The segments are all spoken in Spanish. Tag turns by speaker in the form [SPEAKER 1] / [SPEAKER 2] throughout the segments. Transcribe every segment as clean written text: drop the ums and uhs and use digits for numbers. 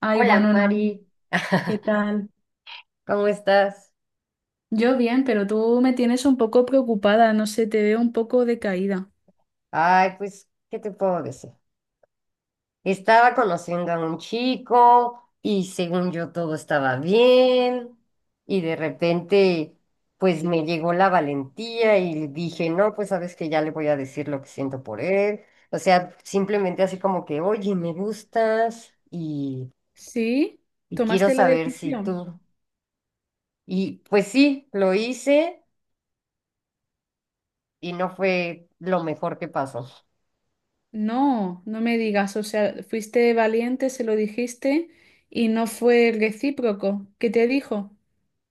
[SPEAKER 1] Ay,
[SPEAKER 2] Hola
[SPEAKER 1] bueno, nada,
[SPEAKER 2] Mari,
[SPEAKER 1] ¿qué tal?
[SPEAKER 2] ¿cómo estás?
[SPEAKER 1] Yo bien, pero tú me tienes un poco preocupada, no sé, te veo un poco decaída.
[SPEAKER 2] Ay, pues, ¿qué te puedo decir? Estaba conociendo a un chico y según yo todo estaba bien y de repente pues me llegó la valentía y dije, no, pues sabes que ya le voy a decir lo que siento por él. O sea, simplemente así como que, oye, me gustas y,
[SPEAKER 1] ¿Sí?
[SPEAKER 2] y quiero
[SPEAKER 1] ¿Tomaste la
[SPEAKER 2] saber si
[SPEAKER 1] decisión?
[SPEAKER 2] tú. Y pues sí, lo hice y no fue lo mejor que pasó.
[SPEAKER 1] No, no me digas, o sea, fuiste valiente, se lo dijiste y no fue recíproco. ¿Qué te dijo?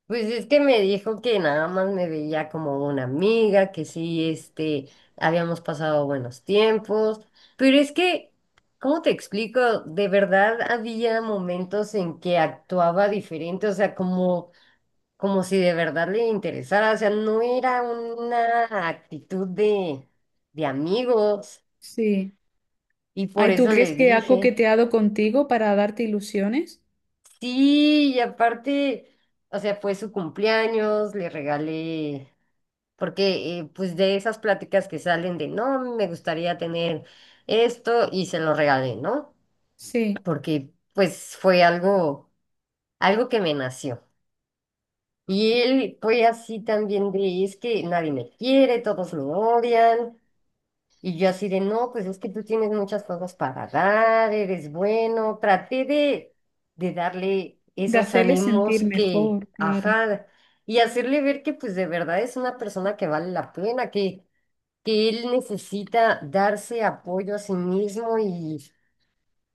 [SPEAKER 2] Pues es que me dijo que nada más me veía como una amiga, que sí, habíamos pasado buenos tiempos, pero es que, ¿cómo te explico? De verdad había momentos en que actuaba diferente, o sea, como si de verdad le interesara, o sea, no era una actitud de amigos,
[SPEAKER 1] Sí.
[SPEAKER 2] y por
[SPEAKER 1] Ay, ¿tú
[SPEAKER 2] eso
[SPEAKER 1] crees
[SPEAKER 2] le
[SPEAKER 1] que ha
[SPEAKER 2] dije,
[SPEAKER 1] coqueteado contigo para darte ilusiones?
[SPEAKER 2] sí, y aparte, o sea, fue su cumpleaños, le regalé. Porque pues de esas pláticas que salen no, me gustaría tener esto y se lo regalé, ¿no?
[SPEAKER 1] Sí,
[SPEAKER 2] Porque pues fue algo que me nació. Y él fue así también de, es que nadie me quiere, todos me odian. Y yo así de, no, pues es que tú tienes muchas cosas para dar, eres bueno. Traté de darle
[SPEAKER 1] de
[SPEAKER 2] esos
[SPEAKER 1] hacerle
[SPEAKER 2] ánimos
[SPEAKER 1] sentir
[SPEAKER 2] que,
[SPEAKER 1] mejor, claro.
[SPEAKER 2] ajá, y hacerle ver que pues de verdad es una persona que vale la pena, que él necesita darse apoyo a sí mismo y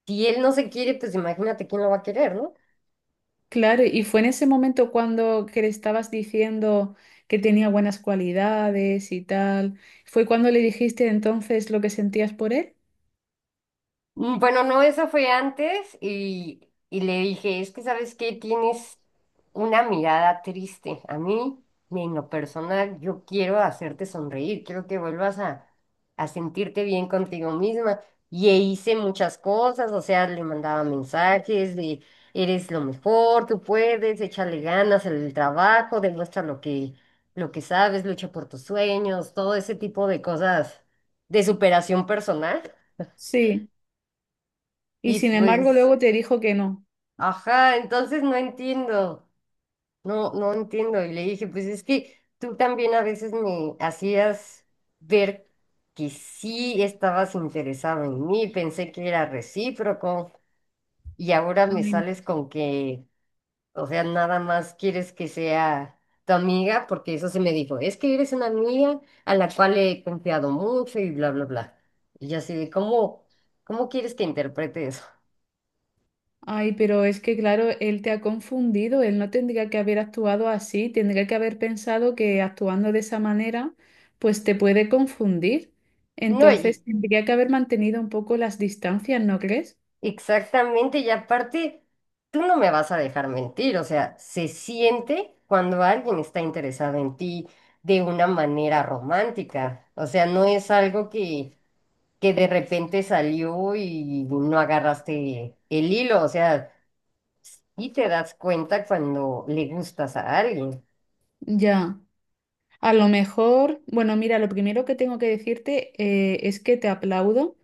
[SPEAKER 2] si él no se quiere, pues imagínate quién lo va a querer, ¿no?
[SPEAKER 1] Claro, y fue en ese momento cuando que le estabas diciendo que tenía buenas cualidades y tal. ¿Fue cuando le dijiste entonces lo que sentías por él?
[SPEAKER 2] Mm, bueno, no, eso fue antes y le dije, es que sabes qué, tienes una mirada triste. A mí, en lo personal, yo quiero hacerte sonreír, quiero que vuelvas a sentirte bien contigo misma. Y hice muchas cosas, o sea, le mandaba mensajes de, eres lo mejor, tú puedes, échale ganas en el trabajo, demuestra lo que, sabes, lucha por tus sueños, todo ese tipo de cosas de superación personal.
[SPEAKER 1] Sí. Y
[SPEAKER 2] Y
[SPEAKER 1] sin embargo
[SPEAKER 2] pues.
[SPEAKER 1] luego te dijo que no.
[SPEAKER 2] Ajá, entonces no entiendo, no, no entiendo. Y le dije, pues es que tú también a veces me hacías ver que sí estabas interesado en mí, pensé que era recíproco y ahora me
[SPEAKER 1] Ay, no.
[SPEAKER 2] sales con que, o sea, nada más quieres que sea tu amiga, porque eso se me dijo, es que eres una amiga a la cual he confiado mucho y bla, bla, bla. Y yo así de, ¿cómo quieres que interprete eso?
[SPEAKER 1] Ay, pero es que claro, él te ha confundido, él no tendría que haber actuado así, tendría que haber pensado que actuando de esa manera, pues te puede confundir.
[SPEAKER 2] No.
[SPEAKER 1] Entonces tendría que haber mantenido un poco las distancias, ¿no crees?
[SPEAKER 2] Exactamente, y aparte, tú no me vas a dejar mentir, o sea, se siente cuando alguien está interesado en ti de una manera romántica, o sea, no es algo que de repente salió y no agarraste el hilo, o sea, y te das cuenta cuando le gustas a alguien.
[SPEAKER 1] Ya. A lo mejor, bueno, mira, lo primero que tengo que decirte es que te aplaudo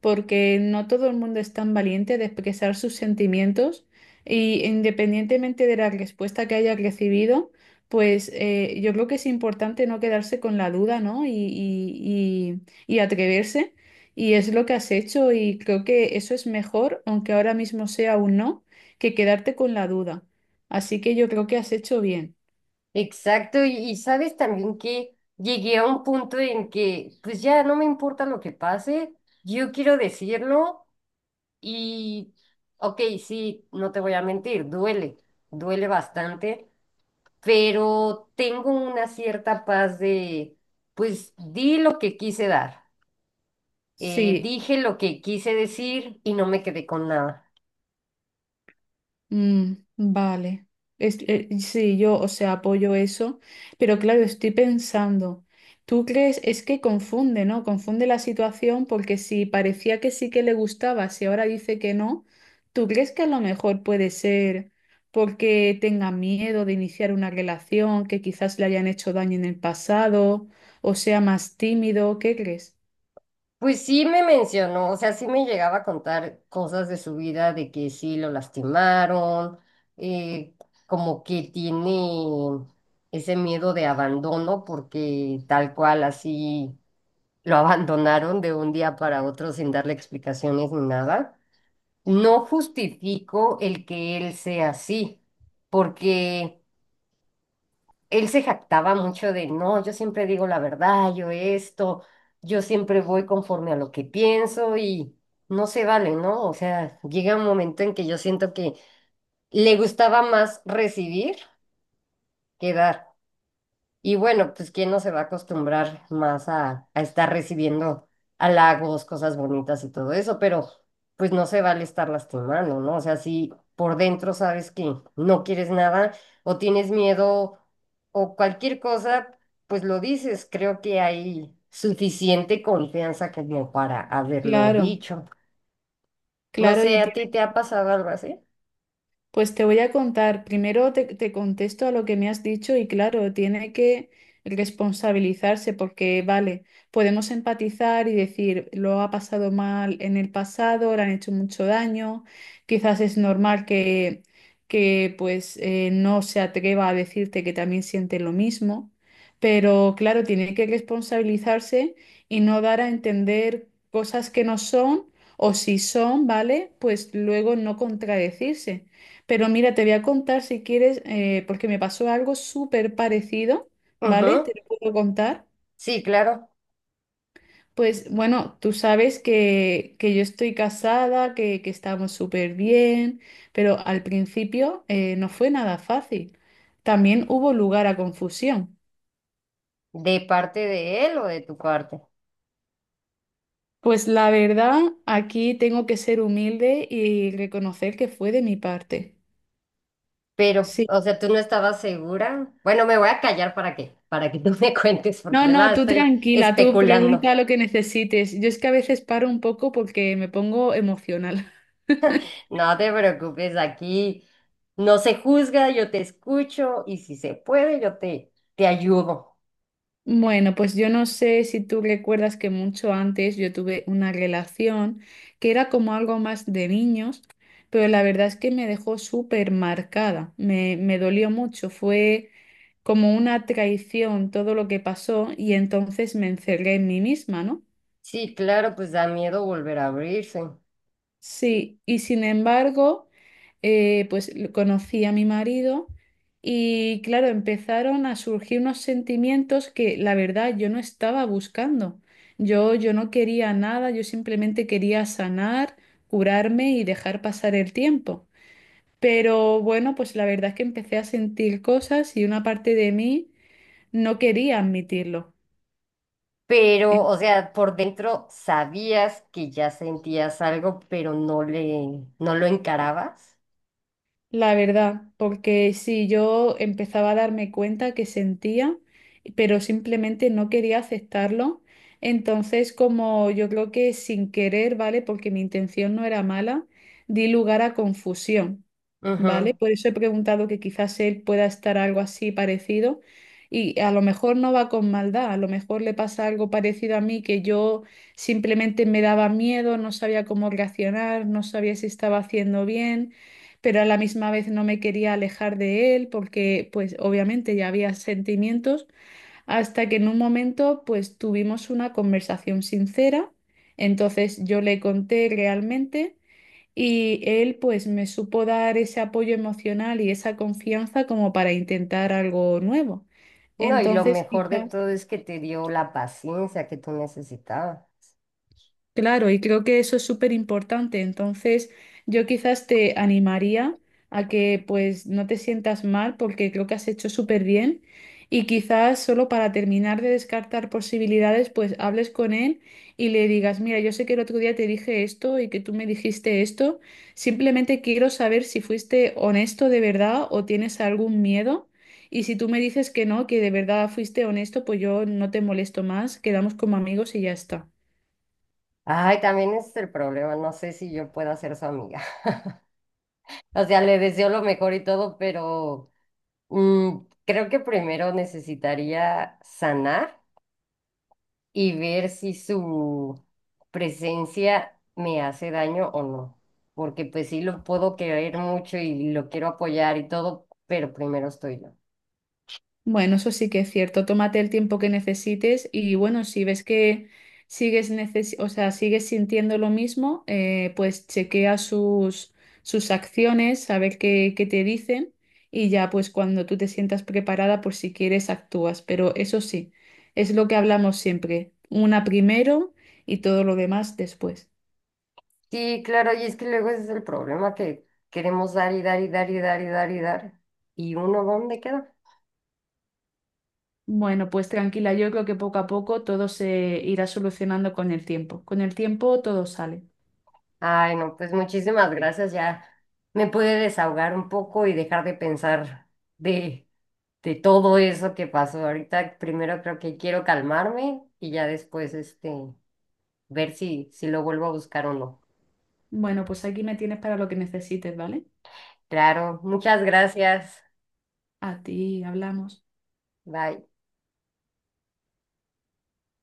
[SPEAKER 1] porque no todo el mundo es tan valiente de expresar sus sentimientos y independientemente de la respuesta que haya recibido, pues yo creo que es importante no quedarse con la duda, ¿no? Y atreverse y es lo que has hecho y creo que eso es mejor, aunque ahora mismo sea un no, que quedarte con la duda. Así que yo creo que has hecho bien.
[SPEAKER 2] Exacto, y sabes también que llegué a un punto en que, pues ya no me importa lo que pase, yo quiero decirlo. Y, ok, sí, no te voy a mentir, duele, duele bastante, pero tengo una cierta paz de, pues di lo que quise dar,
[SPEAKER 1] Sí.
[SPEAKER 2] dije lo que quise decir y no me quedé con nada.
[SPEAKER 1] Mm, vale. Sí, yo, o sea, apoyo eso, pero claro, estoy pensando, ¿tú crees? Es que confunde, ¿no? Confunde la situación porque si parecía que sí que le gustaba, si ahora dice que no, ¿tú crees que a lo mejor puede ser porque tenga miedo de iniciar una relación, que quizás le hayan hecho daño en el pasado, o sea, más tímido? ¿Qué crees?
[SPEAKER 2] Pues sí me mencionó, o sea, sí me llegaba a contar cosas de su vida, de que sí lo lastimaron, eh, como que tiene ese miedo de abandono, porque tal cual así lo abandonaron de un día para otro sin darle explicaciones ni nada. No justifico el que él sea así, porque él se jactaba mucho de, no, yo siempre digo la verdad, yo esto, yo siempre voy conforme a lo que pienso y no se vale, ¿no? O sea, llega un momento en que yo siento que le gustaba más recibir que dar. Y bueno, pues quién no se va a acostumbrar más a estar recibiendo halagos, cosas bonitas y todo eso, pero pues no se vale estar lastimando, ¿no? O sea, si por dentro sabes que no quieres nada o tienes miedo o cualquier cosa, pues lo dices. Creo que hay suficiente confianza como para haberlo
[SPEAKER 1] Claro,
[SPEAKER 2] dicho. No
[SPEAKER 1] claro,
[SPEAKER 2] sé,
[SPEAKER 1] y
[SPEAKER 2] ¿a ti te ha pasado algo así?
[SPEAKER 1] pues te voy a contar, primero te contesto a lo que me has dicho y claro, tiene que responsabilizarse porque, vale, podemos empatizar y decir, lo ha pasado mal en el pasado, le han hecho mucho daño, quizás es normal que pues no se atreva a decirte que también siente lo mismo, pero claro, tiene que responsabilizarse y no dar a entender cosas que no son o si son, ¿vale? Pues luego no contradecirse. Pero mira, te voy a contar si quieres, porque me pasó algo súper parecido, ¿vale?
[SPEAKER 2] Ujú.
[SPEAKER 1] Te lo puedo contar.
[SPEAKER 2] Sí, claro.
[SPEAKER 1] Pues bueno, tú sabes que yo estoy casada, que estamos súper bien, pero al principio no fue nada fácil. También hubo lugar a confusión.
[SPEAKER 2] ¿De parte de él o de tu parte?
[SPEAKER 1] Pues la verdad, aquí tengo que ser humilde y reconocer que fue de mi parte.
[SPEAKER 2] Pero,
[SPEAKER 1] Sí.
[SPEAKER 2] o sea, tú no estabas segura. Bueno, me voy a callar, ¿para qué? Para que tú me cuentes, porque
[SPEAKER 1] No,
[SPEAKER 2] yo
[SPEAKER 1] no,
[SPEAKER 2] nada
[SPEAKER 1] tú
[SPEAKER 2] estoy
[SPEAKER 1] tranquila, tú
[SPEAKER 2] especulando.
[SPEAKER 1] pregunta lo que necesites. Yo es que a veces paro un poco porque me pongo emocional.
[SPEAKER 2] No te preocupes, aquí no se juzga, yo te escucho y si se puede, yo te ayudo.
[SPEAKER 1] Bueno, pues yo no sé si tú recuerdas que mucho antes yo tuve una relación que era como algo más de niños, pero la verdad es que me dejó súper marcada, me dolió mucho, fue como una traición todo lo que pasó y entonces me encerré en mí misma, ¿no?
[SPEAKER 2] Sí, claro, pues da miedo volver a abrirse.
[SPEAKER 1] Sí, y sin embargo, pues conocí a mi marido y claro, empezaron a surgir unos sentimientos que la verdad yo no estaba buscando. Yo no quería nada, yo simplemente quería sanar, curarme y dejar pasar el tiempo. Pero bueno, pues la verdad es que empecé a sentir cosas y una parte de mí no quería admitirlo.
[SPEAKER 2] Pero, o sea, por dentro sabías que ya sentías algo, pero no lo encarabas.
[SPEAKER 1] La verdad, porque sí, yo empezaba a darme cuenta que sentía, pero simplemente no quería aceptarlo. Entonces, como yo creo que sin querer, ¿vale? Porque mi intención no era mala, di lugar a confusión,
[SPEAKER 2] Ujú.
[SPEAKER 1] ¿vale? Por eso he preguntado que quizás él pueda estar algo así parecido y a lo mejor no va con maldad, a lo mejor le pasa algo parecido a mí que yo simplemente me daba miedo, no sabía cómo reaccionar, no sabía si estaba haciendo bien pero a la misma vez no me quería alejar de él porque pues obviamente ya había sentimientos hasta que en un momento pues tuvimos una conversación sincera, entonces yo le conté realmente y él pues me supo dar ese apoyo emocional y esa confianza como para intentar algo nuevo.
[SPEAKER 2] No, y lo
[SPEAKER 1] Entonces,
[SPEAKER 2] mejor de
[SPEAKER 1] quizá...
[SPEAKER 2] todo es que te dio la paciencia que tú necesitabas.
[SPEAKER 1] Claro, y creo que eso es súper importante. Entonces, yo quizás te animaría a que pues no te sientas mal porque creo que has hecho súper bien. Y quizás solo para terminar de descartar posibilidades, pues hables con él y le digas, mira, yo sé que el otro día te dije esto y que tú me dijiste esto. Simplemente quiero saber si fuiste honesto de verdad o tienes algún miedo. Y si tú me dices que no, que de verdad fuiste honesto, pues yo no te molesto más, quedamos como amigos y ya está.
[SPEAKER 2] Ay, también ese es el problema, no sé si yo pueda ser su amiga. O sea, le deseo lo mejor y todo, pero mm, creo que primero necesitaría sanar y ver si su presencia me hace daño o no. Porque pues sí lo puedo querer mucho y lo quiero apoyar y todo, pero primero estoy yo.
[SPEAKER 1] Bueno, eso sí que es cierto. Tómate el tiempo que necesites y bueno, si ves que o sea, sigues sintiendo lo mismo, pues chequea sus acciones, a ver qué te dicen y ya pues cuando tú te sientas preparada, por si quieres, actúas. Pero eso sí, es lo que hablamos siempre. Una primero y todo lo demás después.
[SPEAKER 2] Sí, claro, y es que luego ese es el problema que queremos dar y dar y dar y dar y dar y dar. ¿Y uno dónde queda?
[SPEAKER 1] Bueno, pues tranquila, yo creo que poco a poco todo se irá solucionando con el tiempo. Con el tiempo todo sale.
[SPEAKER 2] Ay, no, pues muchísimas gracias. Ya me pude desahogar un poco y dejar de pensar de, de todo eso que pasó. Ahorita primero creo que quiero calmarme y ya después ver si lo vuelvo a buscar o no.
[SPEAKER 1] Bueno, pues aquí me tienes para lo que necesites, ¿vale?
[SPEAKER 2] Claro, muchas gracias.
[SPEAKER 1] A ti hablamos.
[SPEAKER 2] Bye.